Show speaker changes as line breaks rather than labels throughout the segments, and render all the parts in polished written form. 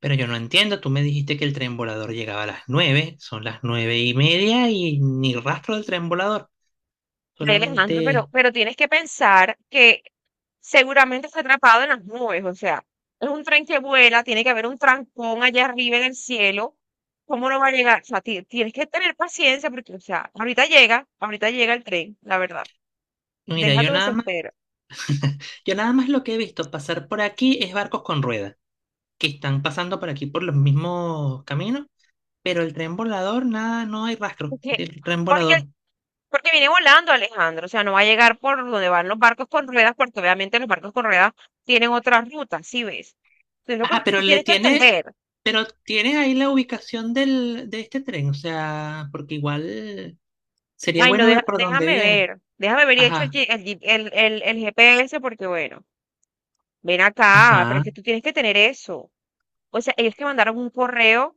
Pero yo no entiendo, tú me dijiste que el tren volador llegaba a las 9. Son las 9:30 y ni rastro del tren volador.
Ay, Alejandro, pero,
Solamente,
pero tienes que pensar que seguramente está atrapado en las nubes, o sea, es un tren que vuela, tiene que haber un trancón allá arriba en el cielo, ¿cómo no va a llegar? O sea, tienes que tener paciencia porque, o sea, ahorita llega el tren, la verdad,
mira,
deja
yo
tu
nada más,
desespero,
yo nada más lo que he visto pasar por aquí es barcos con ruedas, que están pasando por aquí por los mismos caminos. Pero el tren volador, nada, no hay rastro
porque,
del tren
porque, el-
volador.
porque viene volando Alejandro, o sea, no va a llegar por donde van los barcos con ruedas, porque obviamente los barcos con ruedas tienen otra ruta, ¿sí ves? Entonces, lo
Ajá,
que tú tienes que entender.
pero tienes ahí la ubicación de este tren, o sea, porque igual sería
Ay, no,
bueno ver por dónde
déjame
viene.
ver. Déjame ver y hecho el,
Ajá,
el GPS porque, bueno, ven acá, pero es
ajá.
que tú tienes que tener eso. O sea, ellos te mandaron un correo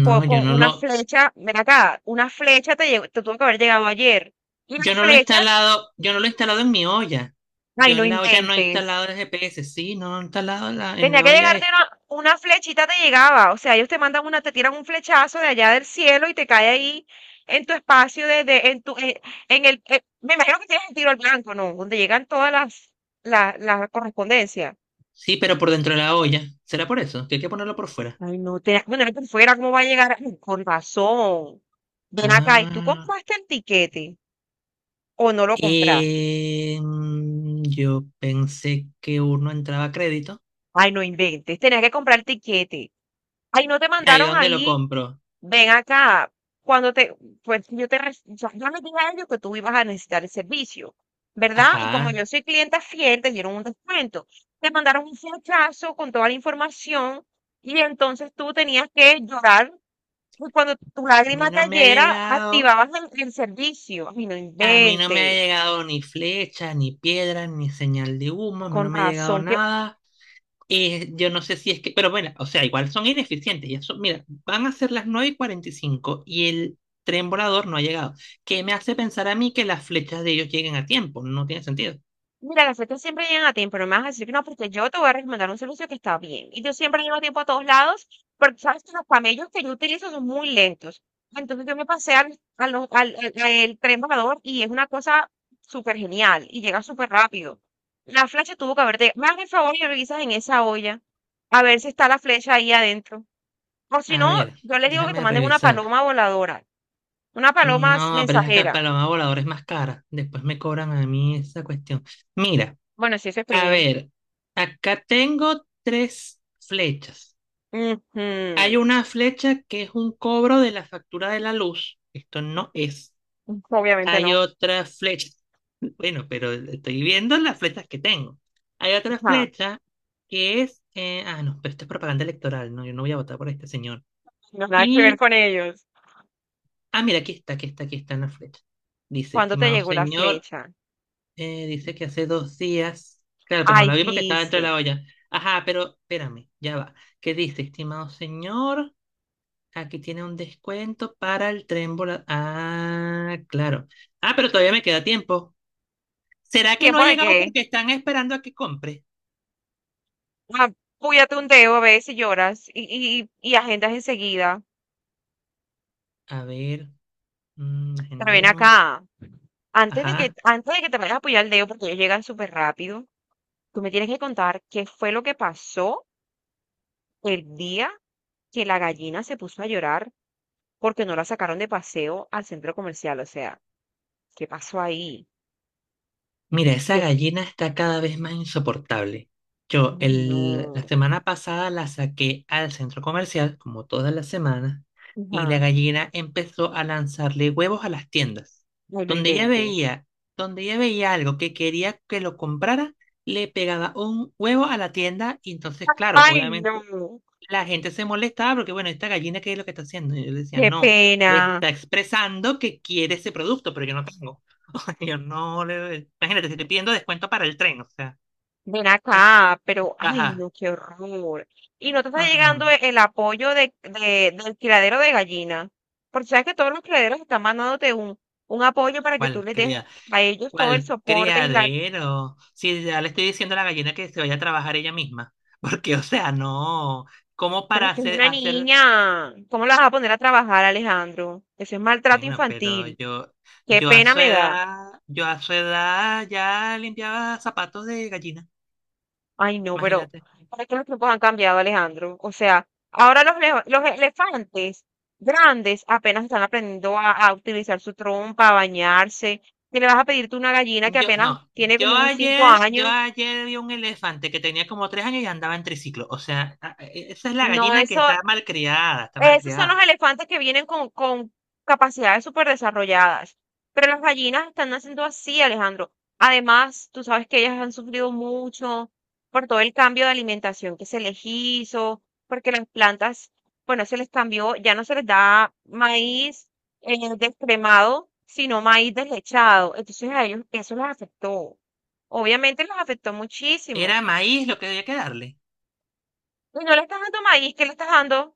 con, una flecha, ven acá, una flecha te, te tuvo que haber llegado ayer. Y la flecha,
Yo no lo he instalado en mi olla.
ay,
Yo
no
en la olla no he
inventes.
instalado el GPS. Sí, no lo he instalado en
Tenía
la
que
olla.
llegarte una flechita, te llegaba. O sea, ellos te mandan una, te tiran un flechazo de allá del cielo y te cae ahí en tu espacio, en tu, en el, me imagino que tienes el tiro al blanco, ¿no? Donde llegan todas las, las correspondencias.
Sí, pero por dentro de la olla. ¿Será por eso? Que hay que ponerlo por fuera.
Ay, no, tenías que ponerlo por fuera, ¿cómo va a llegar? Ay, con razón. Ven acá, ¿y tú
Ah.
compraste el tiquete o no lo compraste?
Yo pensé que uno entraba a crédito.
Ay, no inventes. Tenías que comprar tiquete. Ay, no te
Ahí
mandaron
donde lo
ahí.
compro.
Ven acá. Cuando te, pues yo te, yo les dije a ellos que tú ibas a necesitar el servicio, ¿verdad?
Ajá.
Y como
A
yo soy clienta fiel, te dieron un descuento. Te mandaron un flechazo con toda la información y entonces tú tenías que llorar. Y cuando tu
mí
lágrima
no me ha
cayera,
llegado.
activabas el servicio. Ay, no
A mí no me ha
inventes.
llegado ni flecha, ni piedra, ni señal de humo. A mí
Con
no me ha llegado
razón.
nada. Yo no sé si es que, pero bueno, o sea, igual son ineficientes. Ya son, mira, van a ser las 9 y cuarenta y cinco y el tren volador no ha llegado. Que me hace pensar a mí que las flechas de ellos lleguen a tiempo. No tiene sentido.
Mira, las fechas siempre llegan a tiempo, no me vas a decir que no, porque yo te voy a recomendar un servicio que está bien. Y yo siempre llego a tiempo a todos lados, porque sabes que los camellos que yo utilizo son muy lentos. Entonces yo me pasé al, al tren volador y es una cosa súper genial y llega súper rápido. La flecha tuvo que haberte... Me hagas el favor y revisas en esa olla a ver si está la flecha ahí adentro. O si
A
no,
ver,
yo les digo que te
déjame
manden una
revisar.
paloma voladora, una paloma
No, pero es la
mensajera.
paloma voladora es más cara. Después me cobran a mí esa cuestión. Mira,
Bueno, si eso es
a
premium.
ver, acá tengo tres flechas. Hay
Ujú.
una flecha que es un cobro de la factura de la luz. Esto no es.
Obviamente
Hay
no.
otra flecha. Bueno, pero estoy viendo las flechas que tengo. Hay otra
Ajá.
flecha no, pero esto es propaganda electoral, ¿no? Yo no voy a votar por este señor.
No, nada que ver
Y.
con ellos.
Ah, mira, aquí está, aquí está, aquí está en la flecha. Dice,
¿Cuándo te
estimado
llegó la
señor,
flecha?
dice que hace 2 días. Claro, pero no la
Ay,
vi porque estaba dentro de
viste.
la olla. Ajá, pero espérame, ya va. ¿Qué dice, estimado señor? Aquí tiene un descuento para el tren volador. Ah, claro. Ah, pero todavía me queda tiempo. ¿Será que no ha
¿Tiempo de
llegado
qué?
porque están esperando a que compre?
Ah, púyate un dedo, ves y lloras y agendas enseguida.
A ver,
Pero ven
agendemos.
acá.
Ajá.
Antes de que te vayas a apoyar el dedo, porque ellos llegan súper rápido, tú me tienes que contar qué fue lo que pasó el día que la gallina se puso a llorar porque no la sacaron de paseo al centro comercial. O sea, ¿qué pasó ahí?
Mira, esa
Yo,
gallina está cada vez más insoportable. La
no.
semana pasada la saqué al centro comercial, como todas las semanas, y la
Ajá.
gallina empezó a lanzarle huevos a las tiendas.
Ay, no
Donde ella
inventes.
veía, donde ella veía algo que quería que lo comprara, le pegaba un huevo a la tienda. Y entonces, claro,
Ay,
obviamente
no.
la gente se molestaba porque, bueno, esta gallina, ¿qué es lo que está haciendo? Y yo le decía,
Qué
no, le
pena,
está expresando que quiere ese producto, pero yo no tengo. O sea, yo no le... Imagínate, si estoy pidiendo descuento para el tren, o sea,
ven acá, pero ay,
ajá,
no, qué horror. Y no te está
ajá,
llegando el apoyo de, del criadero de gallinas, porque sabes que todos los criaderos están mandándote un apoyo para que tú
cuál
les des
cría,
a ellos todo el
cuál
soporte y la...
criadero. Si ya le estoy diciendo a la gallina que se vaya a trabajar ella misma, porque, o sea, no, ¿cómo
Pero
para
es que es una
hacer...
niña, ¿cómo la vas a poner a trabajar, Alejandro? Eso es maltrato
Bueno,
infantil, qué
yo a
pena
su
me da.
edad, yo a su edad ya limpiaba zapatos de gallina.
Ay, no, pero
Imagínate.
¿para qué los tiempos han cambiado, Alejandro? O sea, ahora los, los elefantes grandes apenas están aprendiendo a utilizar su trompa, a bañarse. Si le vas a pedirte una gallina que
Yo,
apenas
no,
tiene como unos cinco
yo
años,
ayer vi un elefante que tenía como 3 años y andaba en triciclo. O sea, esa es la
no,
gallina que
eso
está malcriada, está
Esos son
malcriada.
los elefantes que vienen con capacidades súper desarrolladas. Pero las gallinas están naciendo así, Alejandro. Además, tú sabes que ellas han sufrido mucho por todo el cambio de alimentación que se les hizo, porque las plantas, bueno, se les cambió, ya no se les da maíz descremado, sino maíz deslechado. Entonces a ellos eso les afectó. Obviamente les afectó muchísimo.
Era maíz lo que había que darle.
Y no le estás dando maíz, ¿qué le estás dando?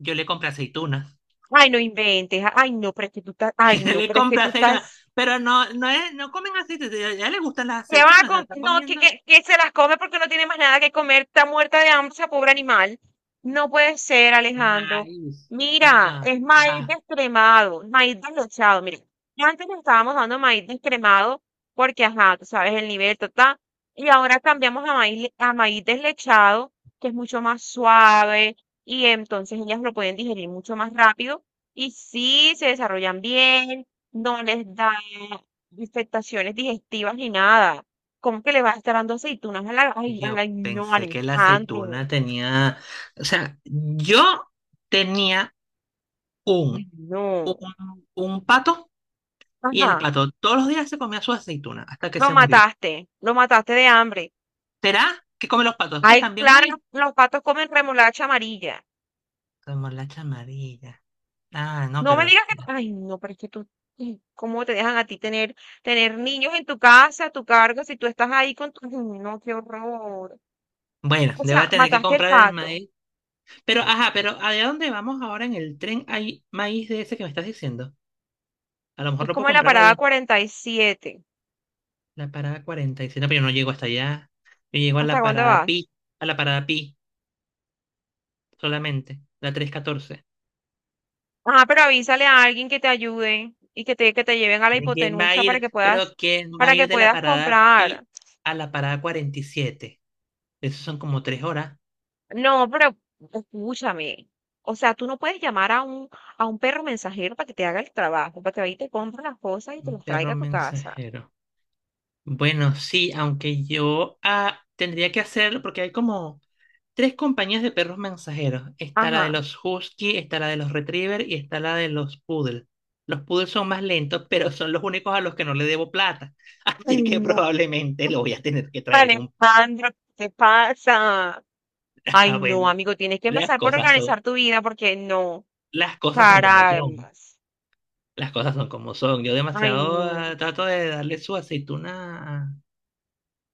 Yo le compré aceitunas.
Ay, no inventes. Ay, no, pero es que tú estás, ay, no,
Le
pero es que
compré
tú
aceitunas.
estás
Pero no, no es, no comen aceitunas. Ya le gustan las
¿Qué van a
aceitunas. O sea, está
No,
comiendo
que se las come porque no tiene más nada que comer. Está muerta de hambre esa pobre animal. No puede ser, Alejandro.
maíz.
Mira,
Ajá.
es maíz
Ajá.
descremado, maíz deslechado. Mira, antes le estábamos dando maíz descremado porque, ajá, tú sabes el nivel total. Y ahora cambiamos a maíz, a maíz deslechado, que es mucho más suave y entonces ellas lo pueden digerir mucho más rápido. Y sí, se desarrollan bien, no les da infectaciones digestivas ni nada. ¿Cómo que le vas a estar dando aceitunas a la...
Y
Ay,
yo
no,
pensé que la
Alejandro.
aceituna tenía. O sea, yo tenía
Ay,
un,
no.
un pato. Y el
Ajá,
pato todos los días se comía su aceituna hasta que
lo
se murió.
mataste. Lo mataste de hambre.
¿Será que come los patos? Pues
Ay,
también
claro,
maíz.
los patos comen remolacha amarilla.
Como la chamarilla. Ah, no,
No me
pero
digas que... Ay, no, pero es que tú... ay, ¿cómo te dejan a ti tener, tener niños en tu casa, a tu cargo, si tú estás ahí con tu... Ay, no, qué horror.
bueno,
O
le voy a
sea,
tener que
mataste el
comprar el
pato.
maíz. Pero, ajá, pero allá dónde vamos ahora en el tren hay maíz de ese que me estás diciendo. A lo mejor
Es
lo puedo
como en la
comprar
parada
ahí,
47.
la parada 47, pero yo no llego hasta allá. Yo llego a
¿Hasta
la
dónde
parada
vas?
Pi, a la parada Pi solamente, la 314.
Ajá, pero avísale a alguien que te ayude y que te lleven a la
¿De quién va a
hipotenusa
ir? Pero ¿quién va a
para que
ir de la
puedas
parada
comprar.
Pi a la parada 47? Eso son como 3 horas.
No, pero escúchame. O sea, tú no puedes llamar a un perro mensajero para que te haga el trabajo, para que vaya y te compre las cosas y te
Un
las
perro
traiga a tu casa.
mensajero. Bueno, sí, aunque yo tendría que hacerlo porque hay como tres compañías de perros mensajeros. Está la de
Ajá.
los Husky, está la de los Retriever y está la de los Poodle. Los Poodle son más lentos, pero son los únicos a los que no le debo plata.
Ay,
Así que
no,
probablemente lo voy a tener que traer en un...
Alejandro, ¿qué te pasa? Ay,
Ah,
no,
bueno,
amigo, tienes que
las
empezar por
cosas son,
organizar tu vida porque no,
las cosas son como son.
caramba.
Las cosas son como son. Yo
Ay,
demasiado
no.
trato de darle su aceituna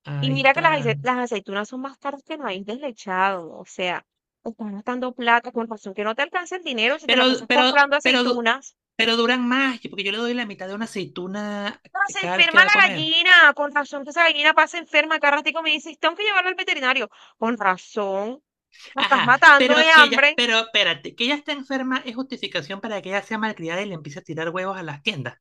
a
Y mira que las,
esta...
las aceitunas son más caras que el maíz deslechado, o sea, estás gastando plata, con razón que no te alcanza el dinero si te
Pero,
la pasas comprando
pero, du-
aceitunas.
pero duran más, porque yo le doy la mitad de una aceituna
No, se
cada vez que
enferma
va a
la
comer.
gallina, con razón que esa gallina pasa enferma, cada ratico me dices, tengo que llevarla al veterinario. Con razón, la estás
Ajá,
matando de hambre.
pero espérate, que ella está enferma es justificación para que ella sea malcriada y le empiece a tirar huevos a las tiendas.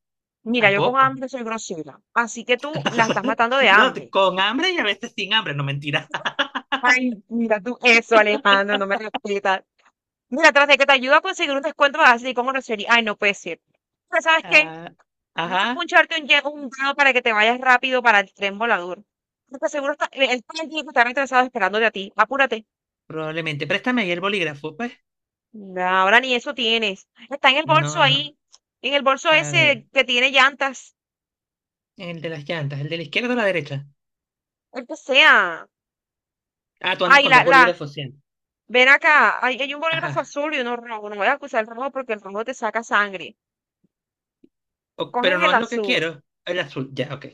Mira, yo con
Tampoco.
hambre soy grosera, así que tú la estás matando de
No,
hambre.
con hambre y a veces sin hambre, no mentira.
Ay, mira tú eso, Alejandro, no me respetas. Mira, tras de que te ayuda a conseguir un descuento, vas a decir con grosería. Ay, no puede ser. Pero ¿sabes qué?
Ah,
No
ajá,
puncharte un, un dedo para que te vayas rápido para el tren volador. Porque seguro está, el tren tiene que estar interesado esperándote a ti. Apúrate.
probablemente. Préstame ahí el bolígrafo, pues.
No, ahora ni eso tienes. Está en el bolso
No, no.
ahí. En el bolso
A
ese
ver,
que tiene llantas.
el de las llantas, el de la izquierda o la derecha.
El que sea.
Ah, tú andas
Ay,
con dos
la, la.
bolígrafos siempre.
Ven acá. Hay un bolígrafo
Ajá.
azul y uno rojo. No voy a acusar el rojo porque el rojo te saca sangre.
Pero
Coges
no
el
es lo que
azul.
quiero. El azul, ya, ok.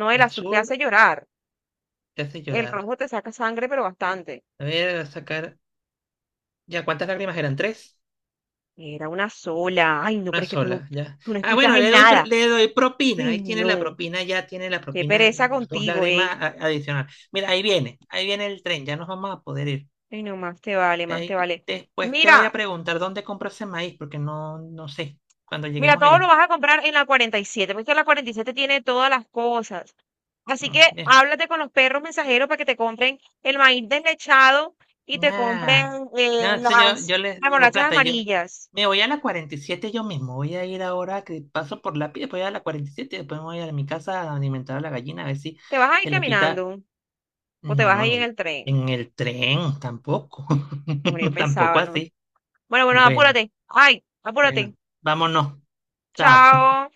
No, el
El
azul te hace
azul
llorar.
te hace
El
llorar.
rojo te saca sangre, pero bastante.
A ver, voy a sacar. Ya, ¿cuántas lágrimas eran? ¿Tres?
Era una sola. Ay, no, pero
Una
es que
sola, ya.
tú no
Ah,
escuchas
bueno,
en nada.
le doy propina.
Ay,
Ahí tiene la
no.
propina, ya tiene la
Qué
propina
pereza
de dos
contigo,
lágrimas
ey.
adicional. Mira, ahí viene el tren, ya nos vamos a poder ir.
Ay, no, más te vale, más te
Y
vale.
después te voy a
Mira,
preguntar dónde compro ese maíz, porque no sé cuando
mira,
lleguemos
todo lo
allá.
vas a comprar en la 47 porque la 47 tiene todas las cosas. Así que
Mm, bien.
háblate con los perros mensajeros para que te compren el maíz deslechado y te
Nah.
compren
No, eso yo les
las
digo,
bolachas
plata, yo
amarillas.
me voy a la 47 yo mismo. Voy a ir ahora que paso por la piel, voy a la 47, después me voy a mi casa a alimentar a la gallina, a ver si
¿Te vas a ir
se le
caminando
quita.
o te
No,
vas
no,
a ir en el tren?
en el tren, tampoco.
Hombre, yo
Tampoco
pensaba, ¿no?
así.
Bueno, bueno,
Bueno,
apúrate. Ay, apúrate.
bueno, vámonos. Chao.
Chao.